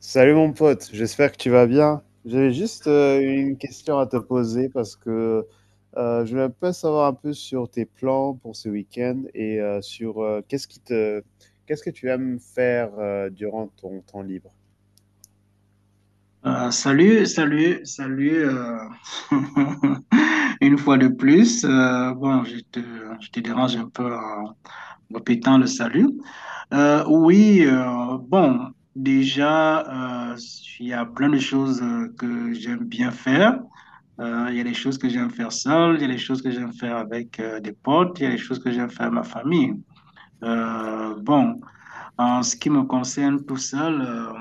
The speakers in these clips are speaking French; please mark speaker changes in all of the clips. Speaker 1: Salut mon pote, j'espère que tu vas bien. J'avais juste une question à te poser parce que je voulais un peu savoir un peu sur tes plans pour ce week-end et sur qu'est-ce que tu aimes faire durant ton temps libre.
Speaker 2: Salut, salut, salut. Une fois de plus, bon, je te dérange un peu en répétant le salut. Oui, bon, déjà, il y a plein de choses que j'aime bien faire. Il y a des choses que j'aime faire seul, il y a des choses que j'aime faire avec des potes, il y a des choses que j'aime faire avec ma famille. Euh, bon. En ce qui me concerne tout seul,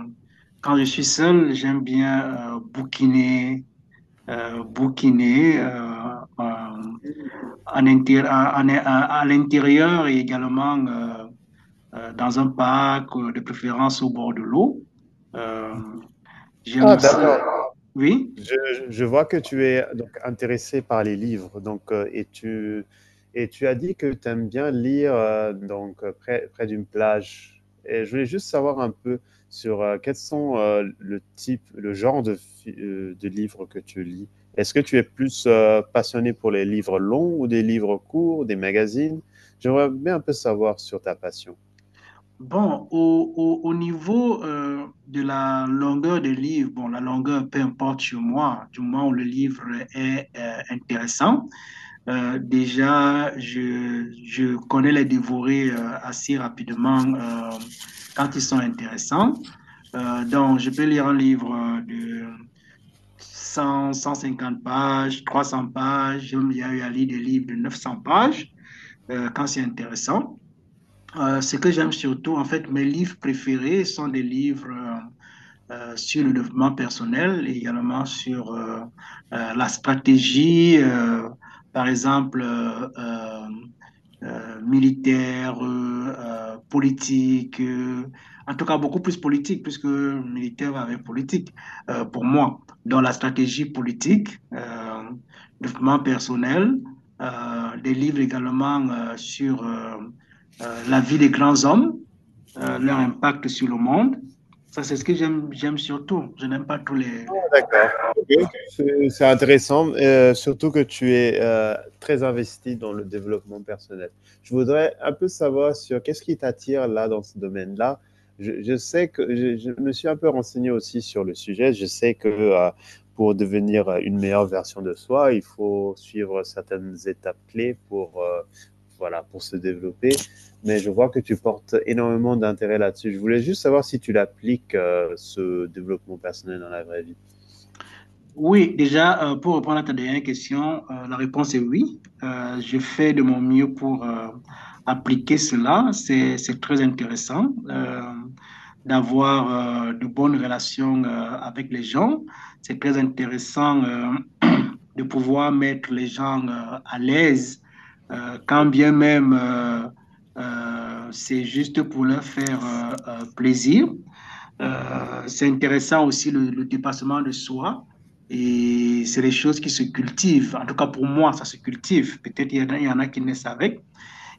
Speaker 2: quand je suis seul, j'aime bien bouquiner, bouquiner en intér- en- en- à l'intérieur et également dans un parc, de préférence au bord de l'eau. Euh, J'aime
Speaker 1: Ah
Speaker 2: aussi,
Speaker 1: d'accord.
Speaker 2: oui.
Speaker 1: Je, je vois que tu es donc intéressé par les livres, donc et tu as dit que tu aimes bien lire, donc près d'une plage. Et je voulais juste savoir un peu sur quels sont le genre de livres que tu lis. Est-ce que tu es plus passionné pour les livres longs ou des livres courts, des magazines? J'aimerais bien un peu savoir sur ta passion.
Speaker 2: Bon, au niveau de la longueur des livres, bon, la longueur, peu importe chez moi, du moment où le livre est intéressant. Déjà, je connais les dévorés assez rapidement quand ils sont intéressants. Donc, je peux lire un livre de 100, 150 pages, 300 pages. Il y a eu à lire des livres de 900 pages quand c'est intéressant. Ce que j'aime surtout, en fait, mes livres préférés sont des livres sur le développement personnel et également sur la stratégie, par exemple, militaire, politique, en tout cas beaucoup plus politique, puisque militaire avec politique, pour moi, dans la stratégie politique, développement personnel, des livres également sur la vie des grands hommes, leur impact sur le monde. Ça, c'est ce que j'aime, j'aime surtout. Je n'aime pas tous
Speaker 1: Ah,
Speaker 2: voilà.
Speaker 1: d'accord. OK. C'est intéressant, surtout que tu es, très investi dans le développement personnel. Je voudrais un peu savoir sur qu'est-ce qui t'attire là, dans ce domaine-là? Je sais que je me suis un peu renseigné aussi sur le sujet. Je sais que, pour devenir, une meilleure version de soi, il faut suivre certaines étapes clés pour, voilà, pour se développer. Mais je vois que tu portes énormément d'intérêt là-dessus. Je voulais juste savoir si tu l'appliques, ce développement personnel dans la vraie vie?
Speaker 2: Oui, déjà, pour répondre à ta dernière question, la réponse est oui. Je fais de mon mieux pour appliquer cela. C'est très intéressant d'avoir de bonnes relations avec les gens. C'est très intéressant de pouvoir mettre les gens à l'aise, quand bien même c'est juste pour leur faire plaisir. C'est intéressant aussi le dépassement de soi. Et c'est des choses qui se cultivent. En tout cas, pour moi, ça se cultive. Peut-être il y en a, il y en a qui naissent avec.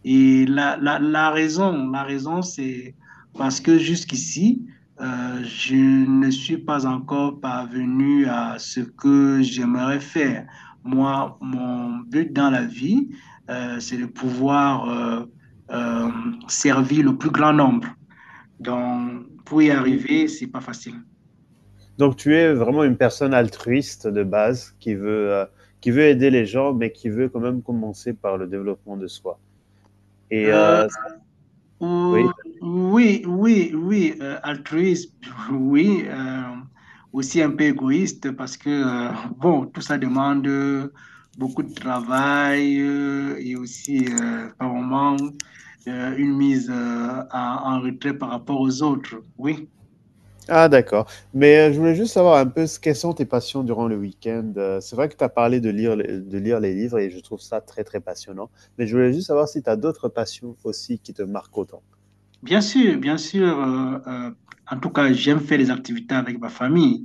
Speaker 2: Et la raison, c'est parce que jusqu'ici, je ne suis pas encore parvenu à ce que j'aimerais faire. Moi, mon but dans la vie, c'est de pouvoir euh, servir le plus grand nombre. Donc, pour y
Speaker 1: Mm.
Speaker 2: arriver, c'est pas facile.
Speaker 1: Donc tu es vraiment une personne altruiste de base qui veut aider les gens, mais qui veut quand même commencer par le développement de soi. Et
Speaker 2: Euh,
Speaker 1: ça oui.
Speaker 2: ou- oui, oui, oui, altruiste, oui, aussi un peu égoïste parce que, bon, tout ça demande beaucoup de travail et aussi, par moment, une mise en en retrait par rapport aux autres, oui.
Speaker 1: Ah d'accord. Mais, je voulais juste savoir un peu, ce quelles sont tes passions durant le week-end? C'est vrai que tu as parlé de lire les livres et je trouve ça très, très passionnant. Mais je voulais juste savoir si tu as d'autres passions aussi qui te marquent autant?
Speaker 2: Bien sûr, bien sûr. En tout cas, j'aime faire des activités avec ma famille.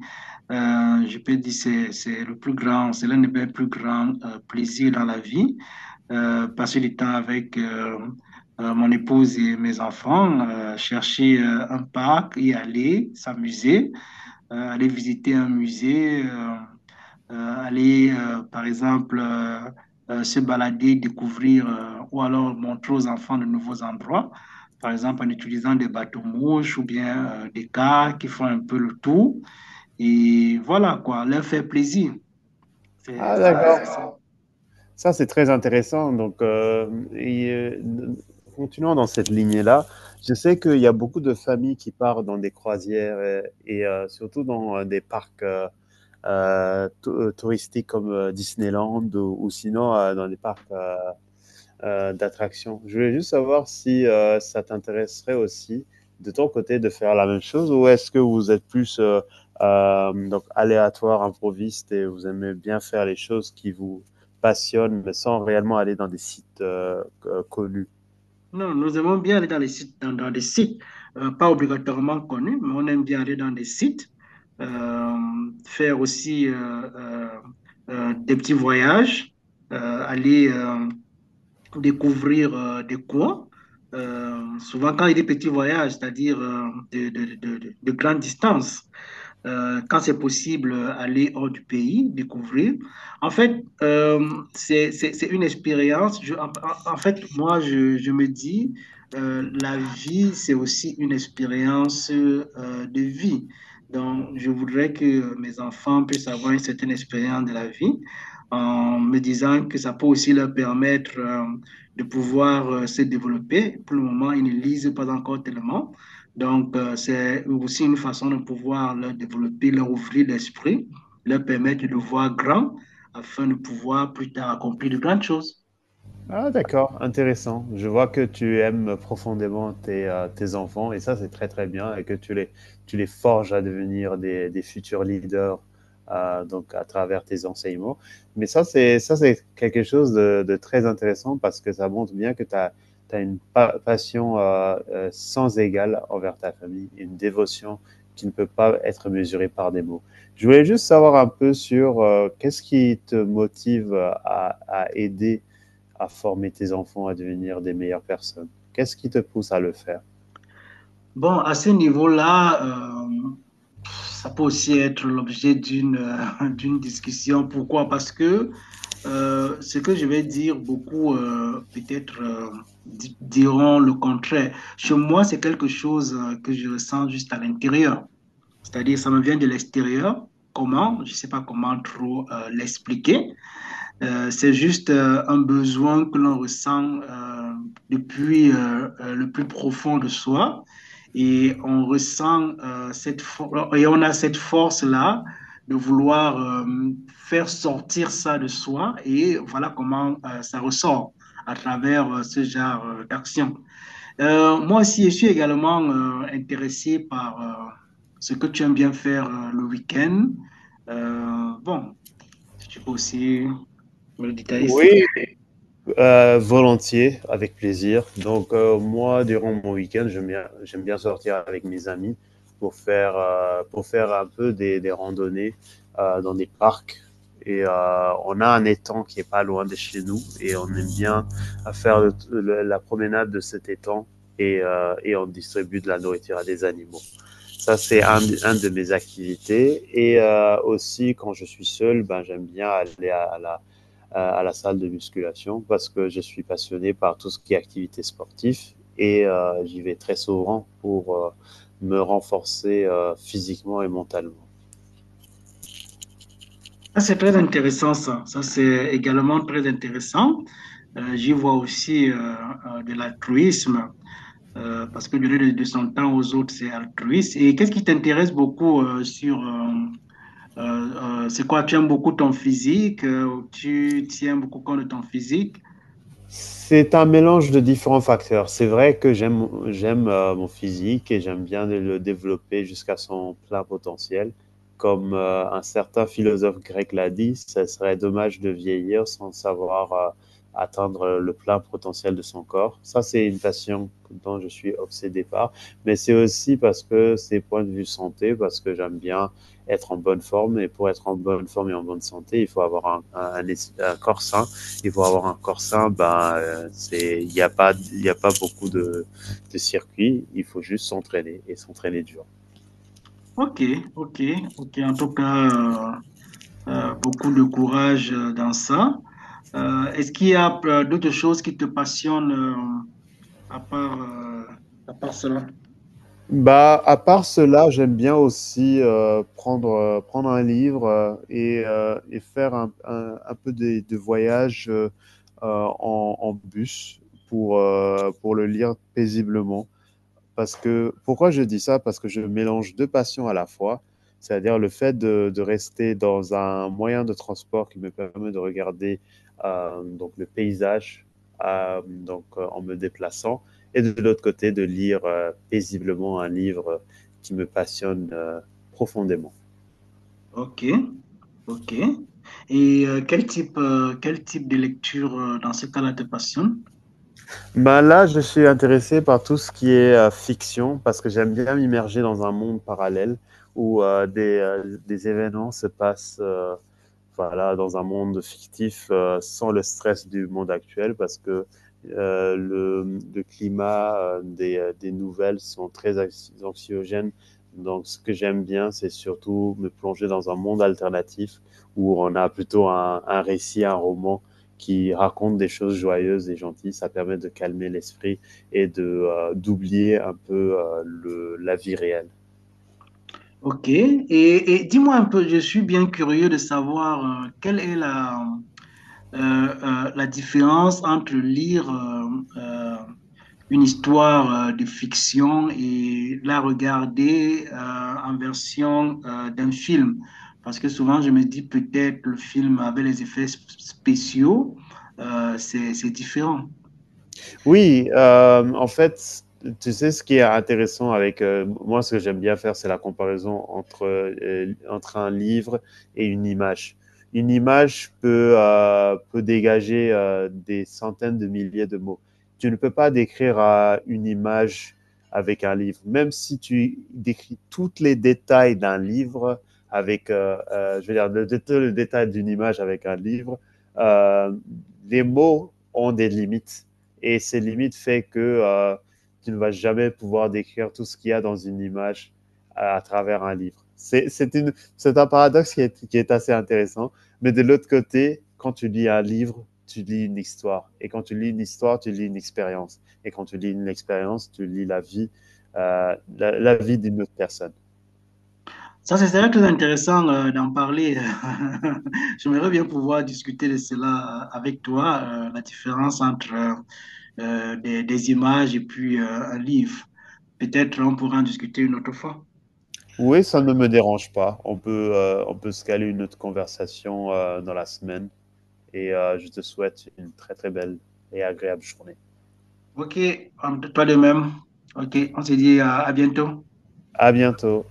Speaker 2: Je peux dire c'est le plus grand, c'est l'un des mes plus grands plaisirs dans la vie. Passer du temps avec mon épouse et mes enfants, chercher un parc, y aller, s'amuser, aller visiter un musée. Aller, par exemple, se balader, découvrir ou alors montrer aux enfants de nouveaux endroits, par exemple en utilisant des bateaux-mouches ou bien des cars qui font un peu le tour. Et voilà quoi, leur faire plaisir.
Speaker 1: Ah
Speaker 2: C'est
Speaker 1: d'accord.
Speaker 2: ça.
Speaker 1: Ça, c'est très intéressant. Donc, et, continuons dans cette lignée-là. Je sais qu'il y a beaucoup de familles qui partent dans des croisières et, surtout dans des parcs touristiques comme Disneyland ou sinon dans des parcs d'attraction. Je voulais juste savoir si ça t'intéresserait aussi de ton côté de faire la même chose, ou est-ce que vous êtes plus donc aléatoire, improviste, et vous aimez bien faire les choses qui vous passionnent mais sans réellement aller dans des sites connus.
Speaker 2: Non, nous aimons bien aller dans les sites, dans des sites, pas obligatoirement connus, mais on aime bien aller dans des sites, euh, faire aussi des petits voyages, aller découvrir des coins. Souvent quand il y a des petits voyages, c'est-à-dire de grandes distances quand c'est possible, aller hors du pays, découvrir. En fait, euh, c'est une expérience. Moi, je me dis, la vie, c'est aussi une expérience de vie. Donc, je voudrais que mes enfants puissent avoir une certaine expérience de la vie en me disant que ça peut aussi leur permettre de pouvoir se développer. Pour le moment, ils ne lisent pas encore tellement. Donc, c'est aussi une façon de pouvoir leur développer, leur ouvrir l'esprit, leur permettre de voir grand afin de pouvoir plus tard accomplir de grandes choses.
Speaker 1: Ah, d'accord, intéressant. Je vois que tu aimes profondément tes, tes enfants et ça, c'est très très bien, et que tu les forges à devenir des futurs leaders donc à travers tes enseignements. Mais ça, c'est quelque chose de très intéressant parce que ça montre bien que tu as, une passion sans égale envers ta famille, une dévotion qui ne peut pas être mesurée par des mots. Je voulais juste savoir un peu sur qu'est-ce qui te motive à aider à former tes enfants à devenir des meilleures personnes. Qu'est-ce qui te pousse à le faire?
Speaker 2: Bon, à ce niveau-là, ça peut aussi être l'objet d'une d'une discussion. Pourquoi? Parce que ce que je vais dire, beaucoup peut-être diront le contraire. Chez moi, c'est quelque chose que je ressens juste à l'intérieur. C'est-à-dire, ça me vient de l'extérieur. Comment? Je ne sais pas comment trop l'expliquer. C'est juste un besoin que l'on ressent depuis le plus profond de soi. Et on ressent et on a cette force-là de vouloir faire sortir ça de soi. Et voilà comment ça ressort à travers ce genre d'action. Moi aussi, je suis également intéressé par ce que tu aimes bien faire le week-end. Bon, si tu peux aussi me détailler cela.
Speaker 1: Oui, volontiers, avec plaisir. Donc, moi, durant mon week-end, j'aime bien sortir avec mes amis pour faire un peu des randonnées dans des parcs. Et on a un étang qui est pas loin de chez nous et on aime bien à faire la promenade de cet étang et on distribue de la nourriture à des animaux. Ça, c'est un de mes activités. Et aussi, quand je suis seul, ben, j'aime bien aller à la salle de musculation parce que je suis passionné par tout ce qui est activité sportive et j'y vais très souvent pour me renforcer physiquement et mentalement.
Speaker 2: Ça, c'est très intéressant, ça. Ça, c'est également très intéressant. J'y vois aussi de l'altruisme, parce que donner de son temps aux autres, c'est altruiste. Et qu'est-ce qui t'intéresse beaucoup c'est quoi, tu aimes beaucoup ton physique, tu tiens beaucoup compte de ton physique.
Speaker 1: C'est un mélange de différents facteurs. C'est vrai que j'aime mon physique et j'aime bien le développer jusqu'à son plein potentiel. Comme un certain philosophe grec l'a dit, ça serait dommage de vieillir sans savoir atteindre le plein potentiel de son corps. Ça, c'est une passion dont je suis obsédé par, mais c'est aussi parce que c'est point de vue santé, parce que j'aime bien être en bonne forme, et pour être en bonne forme et en bonne santé, il faut avoir un, un corps sain qu'ils vont avoir encore ça, ben, c'est, il y a pas beaucoup de circuits. Il faut juste s'entraîner et s'entraîner dur.
Speaker 2: Ok, ok, ok. En tout cas, beaucoup de courage dans ça. Est-ce qu'il y a d'autres choses qui te passionnent à part, euh, à part cela?
Speaker 1: Bah, à part cela, j'aime bien aussi prendre un livre et faire un peu voyage en, en bus pour le lire paisiblement. Parce que, pourquoi je dis ça? Parce que je mélange 2 passions à la fois, c'est-à-dire le fait de rester dans un moyen de transport qui me permet de regarder, hem, donc le paysage, hem, donc en me déplaçant, et de l'autre côté de lire, paisiblement un livre, qui me passionne, profondément.
Speaker 2: Ok, ok. Et quel type de lecture dans ce cas-là te passionne?
Speaker 1: Ben, là, je suis intéressé par tout ce qui est, fiction, parce que j'aime bien m'immerger dans un monde parallèle où, des événements se passent, voilà, dans un monde fictif sans le stress du monde actuel, parce que le climat des nouvelles sont très anxiogènes. Donc ce que j'aime bien, c'est surtout me plonger dans un monde alternatif où on a plutôt un récit, un roman qui raconte des choses joyeuses et gentilles. Ça permet de calmer l'esprit et de d'oublier un peu le, la vie réelle.
Speaker 2: Ok. Et dis-moi un peu, je suis bien curieux de savoir quelle est la, la différence entre lire euh, une histoire de fiction et la regarder en version d'un film. Parce que souvent, je me dis peut-être le film avec les spéciaux, c'est différent.
Speaker 1: Oui, en fait, tu sais, ce qui est intéressant avec moi, ce que j'aime bien faire, c'est la comparaison entre, entre un livre et une image. Une image peut, peut dégager des centaines de milliers de mots. Tu ne peux pas décrire une image avec un livre. Même si tu décris tous les détails d'un livre avec, je veux dire, tout le détail d'une image avec un livre, euh, les mots ont des limites. Et ces limites fait que tu ne vas jamais pouvoir décrire tout ce qu'il y a dans une image à travers un livre. C'est un paradoxe qui est assez intéressant. Mais de l'autre côté, quand tu lis un livre, tu lis une histoire. Et quand tu lis une histoire, tu lis une expérience. Et quand tu lis une expérience, tu lis la vie, la, la vie d'une autre personne.
Speaker 2: Ça, c'est serait très intéressant d'en parler. J'aimerais bien pouvoir discuter de cela avec toi, la différence entre des images et puis un livre. Peut-être on pourra en discuter une autre fois.
Speaker 1: Oui, ça ne me dérange pas. On peut se caler une autre conversation dans la semaine. Et je te souhaite une très très belle et agréable journée.
Speaker 2: Ok, toi de même. Ok, on se dit à bientôt.
Speaker 1: À bientôt.